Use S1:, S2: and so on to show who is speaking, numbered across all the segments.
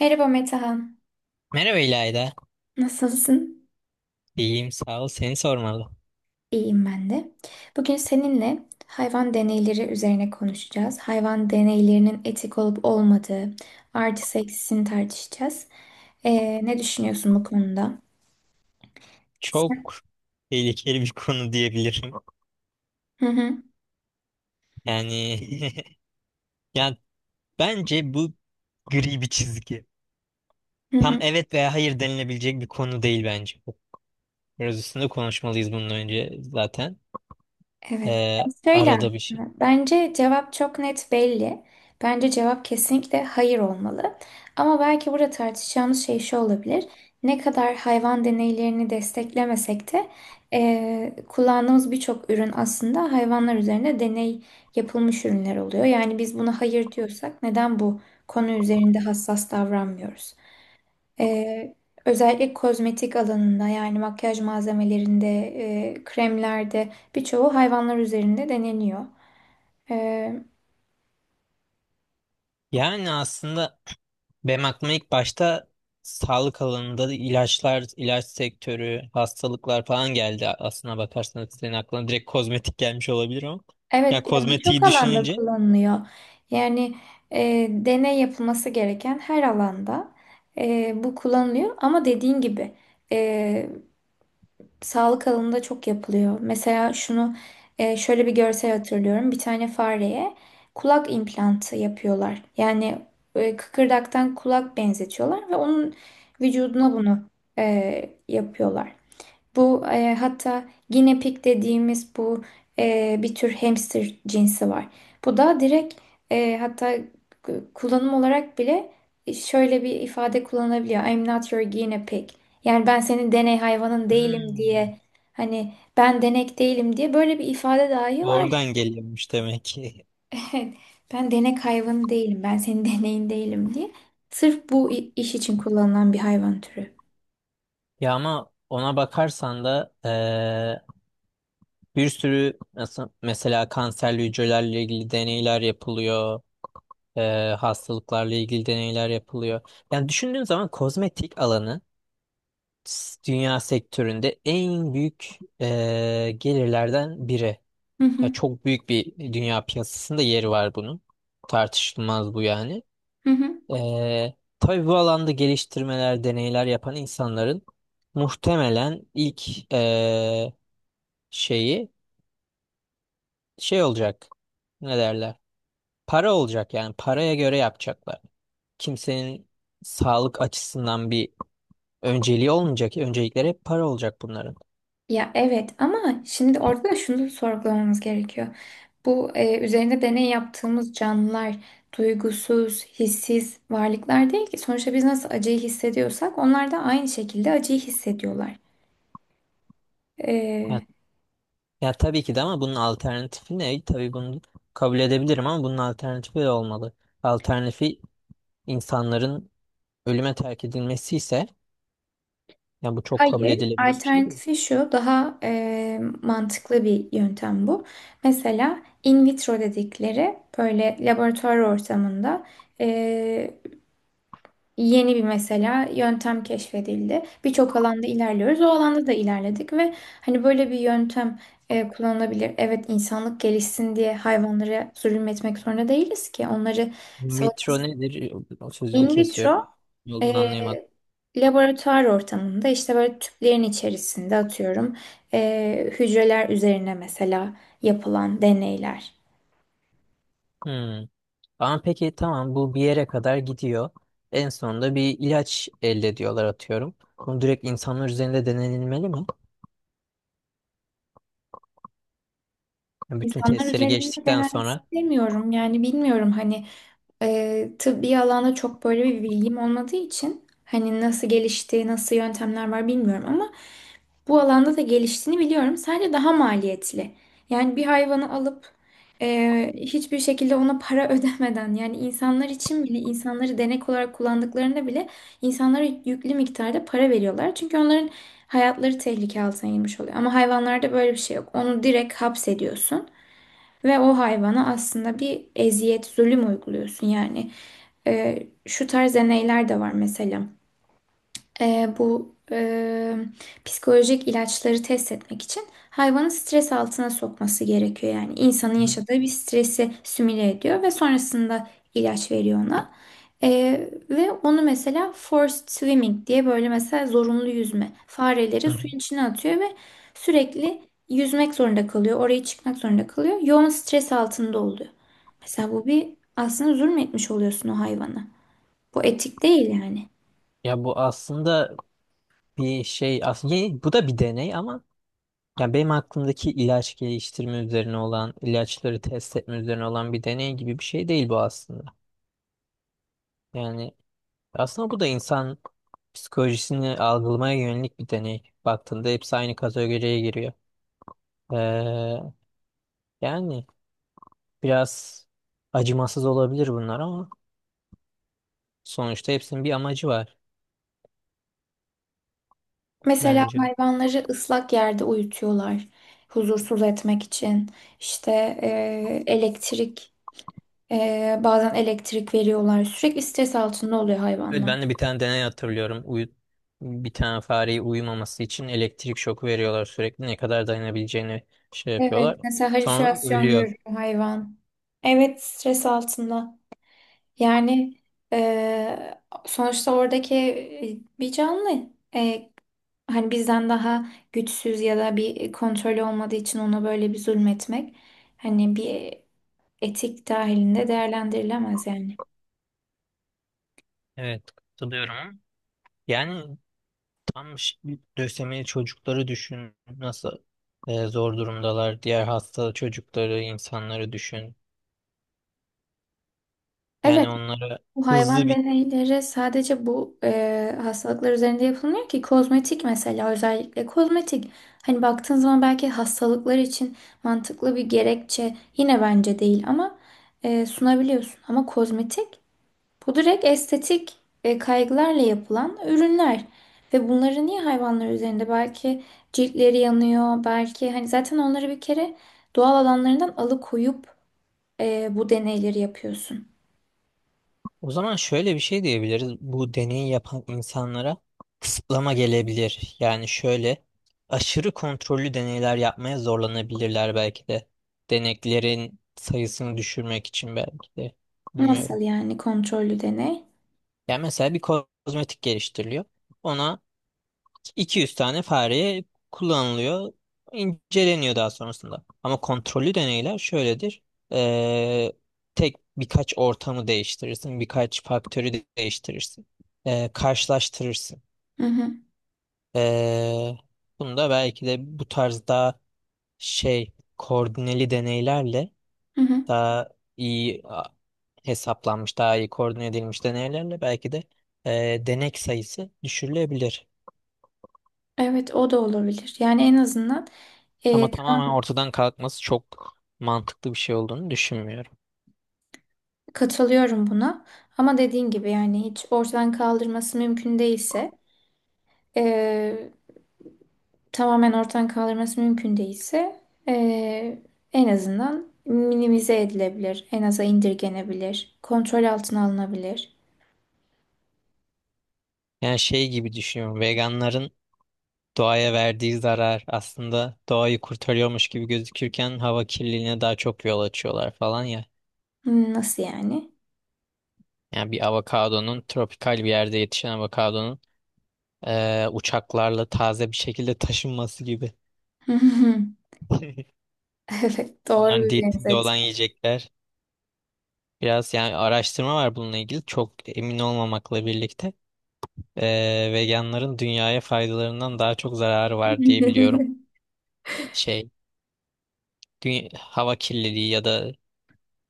S1: Merhaba Metehan.
S2: Merhaba İlayda.
S1: Nasılsın?
S2: İyiyim sağ ol. Seni sormalı.
S1: İyiyim ben de. Bugün seninle hayvan deneyleri üzerine konuşacağız. Hayvan deneylerinin etik olup olmadığı, artı eksisini tartışacağız. Ne düşünüyorsun bu konuda? Sen?
S2: Çok tehlikeli bir konu diyebilirim.
S1: Hı hı.
S2: Yani yani bence bu gri bir çizgi.
S1: Hı
S2: Tam
S1: hı.
S2: evet veya hayır denilebilecek bir konu değil bence. Biraz üstünde konuşmalıyız bunun önce zaten.
S1: Evet. Ya
S2: Ee,
S1: şöyle
S2: Arada bir şey.
S1: aslında, bence cevap çok net belli. Bence cevap kesinlikle hayır olmalı. Ama belki burada tartışacağımız şey şu olabilir. Ne kadar hayvan deneylerini desteklemesek de kullandığımız birçok ürün aslında hayvanlar üzerine deney yapılmış ürünler oluyor. Yani biz buna hayır diyorsak neden bu konu üzerinde hassas davranmıyoruz? Ee, Özellikle kozmetik alanında yani makyaj malzemelerinde, kremlerde birçoğu hayvanlar üzerinde deneniyor. Ee,
S2: Yani aslında Benim aklıma ilk başta sağlık alanında da ilaçlar, ilaç sektörü, hastalıklar falan geldi. Aslına bakarsanız senin aklına direkt kozmetik gelmiş olabilir ama. Ya
S1: evet ya birçok
S2: kozmetiği
S1: alanda
S2: düşününce.
S1: kullanılıyor. Yani deney yapılması gereken her alanda bu kullanılıyor. Ama dediğin gibi sağlık alanında çok yapılıyor. Mesela şunu şöyle bir görsel hatırlıyorum. Bir tane fareye kulak implantı yapıyorlar. Yani kıkırdaktan kulak benzetiyorlar ve onun vücuduna bunu yapıyorlar. Bu hatta guinea pig dediğimiz bu bir tür hamster cinsi var. Bu da direkt hatta kullanım olarak bile şöyle bir ifade kullanılabiliyor. I'm not your guinea pig. Yani ben senin deney hayvanın değilim
S2: Hmm.
S1: diye hani ben denek değilim diye böyle bir ifade dahi var ya.
S2: Oradan geliyormuş demek ki.
S1: Evet, ben denek hayvanı değilim. Ben senin deneyin değilim diye. Sırf bu iş için kullanılan bir hayvan türü.
S2: Ya ama ona bakarsan da bir sürü nasıl mesela kanserli hücrelerle ilgili deneyler yapılıyor, hastalıklarla ilgili deneyler yapılıyor. Yani düşündüğün zaman kozmetik alanı dünya sektöründe en büyük gelirlerden biri.
S1: Hı
S2: Ya
S1: hı,
S2: çok büyük bir dünya piyasasında yeri var bunun. Tartışılmaz bu yani.
S1: hı hı.
S2: E, tabii bu alanda geliştirmeler, deneyler yapan insanların muhtemelen ilk şeyi şey olacak. Ne derler? Para olacak yani paraya göre yapacaklar. Kimsenin sağlık açısından bir önceliği olmayacak. Öncelikleri hep para olacak bunların.
S1: Ya evet ama şimdi orada da şunu sorgulamamız gerekiyor. Bu üzerinde deney yaptığımız canlılar duygusuz, hissiz varlıklar değil ki. Sonuçta biz nasıl acıyı hissediyorsak onlar da aynı şekilde acıyı hissediyorlar.
S2: Ya,
S1: E,
S2: ya tabii ki de ama bunun alternatifi ne? Tabii bunu kabul edebilirim ama bunun alternatifi de olmalı. Alternatifi insanların ölüme terk edilmesi ise ya bu çok kabul
S1: Hayır,
S2: edilebilir bir şey değil.
S1: alternatifi şu daha mantıklı bir yöntem bu. Mesela in vitro dedikleri böyle laboratuvar ortamında e, yeni bir mesela yöntem keşfedildi. Birçok alanda ilerliyoruz. O alanda da ilerledik ve hani böyle bir yöntem kullanılabilir. Evet insanlık gelişsin diye hayvanlara zulüm etmek zorunda değiliz ki. Onları savun.
S2: Metro nedir? O sözünü
S1: In
S2: kesiyorum.
S1: vitro
S2: Ne olduğunu anlayamadım.
S1: ee, laboratuvar ortamında işte böyle tüplerin içerisinde atıyorum hücreler üzerine mesela yapılan deneyler.
S2: Hmm. Ama peki tamam bu bir yere kadar gidiyor. En sonunda bir ilaç elde ediyorlar atıyorum. Bunu direkt insanlar üzerinde denenilmeli mi? Yani bütün
S1: İnsanlar
S2: testleri
S1: üzerinde
S2: geçtikten
S1: denemek
S2: sonra.
S1: istemiyorum yani bilmiyorum hani tıbbi alanda çok böyle bir bilgim olmadığı için hani nasıl gelişti, nasıl yöntemler var bilmiyorum ama bu alanda da geliştiğini biliyorum. Sadece daha maliyetli. Yani bir hayvanı alıp hiçbir şekilde ona para ödemeden yani insanlar için bile insanları denek olarak kullandıklarında bile insanlara yüklü miktarda para veriyorlar. Çünkü onların hayatları tehlike altına girmiş oluyor. Ama hayvanlarda böyle bir şey yok. Onu direkt hapsediyorsun. Ve o hayvana aslında bir eziyet, zulüm uyguluyorsun yani. Şu tarz deneyler de var mesela bu psikolojik ilaçları test etmek için hayvanı stres altına sokması gerekiyor. Yani insanın
S2: Hı
S1: yaşadığı bir stresi simüle ediyor ve sonrasında ilaç veriyor ona. E, Ve onu mesela forced swimming diye böyle mesela zorunlu yüzme. Fareleri
S2: hı.
S1: suyun içine atıyor ve sürekli yüzmek zorunda kalıyor. Oraya çıkmak zorunda kalıyor. Yoğun stres altında oluyor. Mesela bu bir aslında zulmetmiş oluyorsun o hayvana. Bu etik değil yani.
S2: Ya bu aslında, bir şey aslında bu da bir deney ama yani benim aklımdaki ilaç geliştirme üzerine olan ilaçları test etme üzerine olan bir deney gibi bir şey değil bu aslında. Yani aslında bu da insan psikolojisini algılamaya yönelik bir deney. Baktığında hepsi aynı kategoriye giriyor. Ee, Yani biraz acımasız olabilir bunlar ama sonuçta hepsinin bir amacı var
S1: Mesela
S2: bence.
S1: hayvanları ıslak yerde uyutuyorlar huzursuz etmek için. İşte elektrik, bazen elektrik veriyorlar. Sürekli stres altında oluyor
S2: Evet,
S1: hayvanlar.
S2: ben de bir tane deney hatırlıyorum. Bir tane fareyi uyumaması için elektrik şoku veriyorlar sürekli. Ne kadar dayanabileceğini şey
S1: Evet,
S2: yapıyorlar.
S1: mesela
S2: Sonra
S1: halüsinasyon
S2: ölüyor.
S1: görür hayvan. Evet, stres altında. Yani sonuçta oradaki bir canlı. E, Hani bizden daha güçsüz ya da bir kontrolü olmadığı için ona böyle bir zulmetmek. Hani bir etik dahilinde değerlendirilemez yani.
S2: Evet, katılıyorum. Yani tam ş- lösemili çocukları düşün. Nasıl zor durumdalar. Diğer hasta çocukları, insanları düşün. Yani
S1: Evet,
S2: onlara
S1: bu
S2: hızlı
S1: hayvan
S2: bir.
S1: deneyleri sadece bu hastalıklar üzerinde yapılmıyor ki kozmetik mesela özellikle kozmetik. Hani baktığın zaman belki hastalıklar için mantıklı bir gerekçe yine bence değil ama sunabiliyorsun. Ama kozmetik bu direkt estetik kaygılarla yapılan ürünler. Ve bunları niye hayvanlar üzerinde? Belki ciltleri yanıyor, belki hani zaten onları bir kere doğal alanlarından alıkoyup bu deneyleri yapıyorsun.
S2: O zaman şöyle bir şey diyebiliriz. Bu deneyi yapan insanlara kısıtlama gelebilir. Yani şöyle aşırı kontrollü deneyler yapmaya zorlanabilirler belki de. Deneklerin sayısını düşürmek için belki de.
S1: Nasıl
S2: Bilmiyorum.
S1: yani kontrollü deney?
S2: Yani mesela bir kozmetik geliştiriliyor. Ona 200 tane fareye kullanılıyor, inceleniyor daha sonrasında. Ama kontrollü deneyler şöyledir. Ee, Tek birkaç ortamı değiştirirsin. Birkaç faktörü değiştirirsin. Karşılaştırırsın.
S1: Hı hı,
S2: Ee, Bunu da belki de bu tarz daha şey koordineli deneylerle
S1: hı hı.
S2: daha iyi hesaplanmış, daha iyi koordine edilmiş deneylerle belki de denek sayısı düşürülebilir.
S1: Evet, o da olabilir. Yani en azından
S2: Ama
S1: tamam,
S2: tamamen ortadan kalkması çok mantıklı bir şey olduğunu düşünmüyorum.
S1: katılıyorum buna. Ama dediğin gibi yani hiç ortadan kaldırması mümkün değilse e, tamamen ortadan kaldırması mümkün değilse e, en azından minimize edilebilir. En aza indirgenebilir. Kontrol altına alınabilir.
S2: Yani şey gibi düşünüyorum. Veganların doğaya verdiği zarar aslında doğayı kurtarıyormuş gibi gözükürken hava kirliliğine daha çok yol açıyorlar falan ya.
S1: Hmm, nasıl yani?
S2: Yani bir avokadonun tropikal bir yerde yetişen avokadonun uçaklarla taze bir şekilde taşınması gibi.
S1: Evet, doğru
S2: Onların
S1: bir
S2: diyetinde
S1: benzet.
S2: olan yiyecekler. Biraz yani araştırma var bununla ilgili çok emin olmamakla birlikte. Veganların dünyaya faydalarından daha çok zararı var diye biliyorum. Şey, hava kirliliği ya da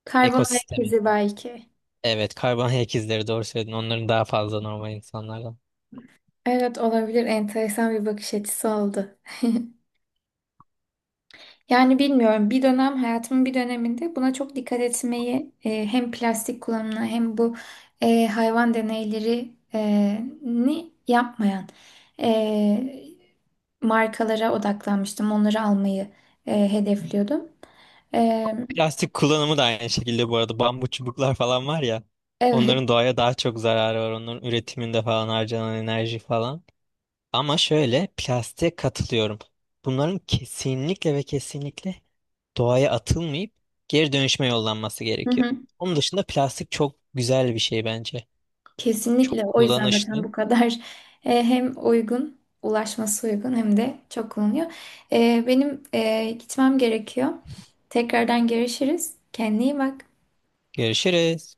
S1: Karbon ayak
S2: ekosistemi.
S1: izi belki.
S2: Evet, karbon ayak izleri doğru söyledin. Onların daha fazla normal insanlardan.
S1: Evet, olabilir. Enteresan bir bakış açısı oldu. Yani bilmiyorum bir dönem hayatımın bir döneminde buna çok dikkat etmeyi hem plastik kullanımına hem bu hayvan deneyleri ni yapmayan e, markalara odaklanmıştım. Onları almayı hedefliyordum. E,
S2: Plastik kullanımı da aynı şekilde bu arada. Bambu çubuklar falan var ya.
S1: evet.
S2: Onların doğaya daha çok zararı var. Onların üretiminde falan harcanan enerji falan. Ama şöyle plastiğe katılıyorum. Bunların kesinlikle ve kesinlikle doğaya atılmayıp geri dönüşme yollanması gerekiyor. Onun dışında plastik çok güzel bir şey bence.
S1: Kesinlikle.
S2: Çok
S1: O yüzden zaten
S2: kullanışlı.
S1: bu kadar hem uygun, ulaşması uygun hem de çok kullanılıyor. Benim gitmem gerekiyor. Tekrardan görüşürüz. Kendine iyi bak.
S2: Görüşürüz.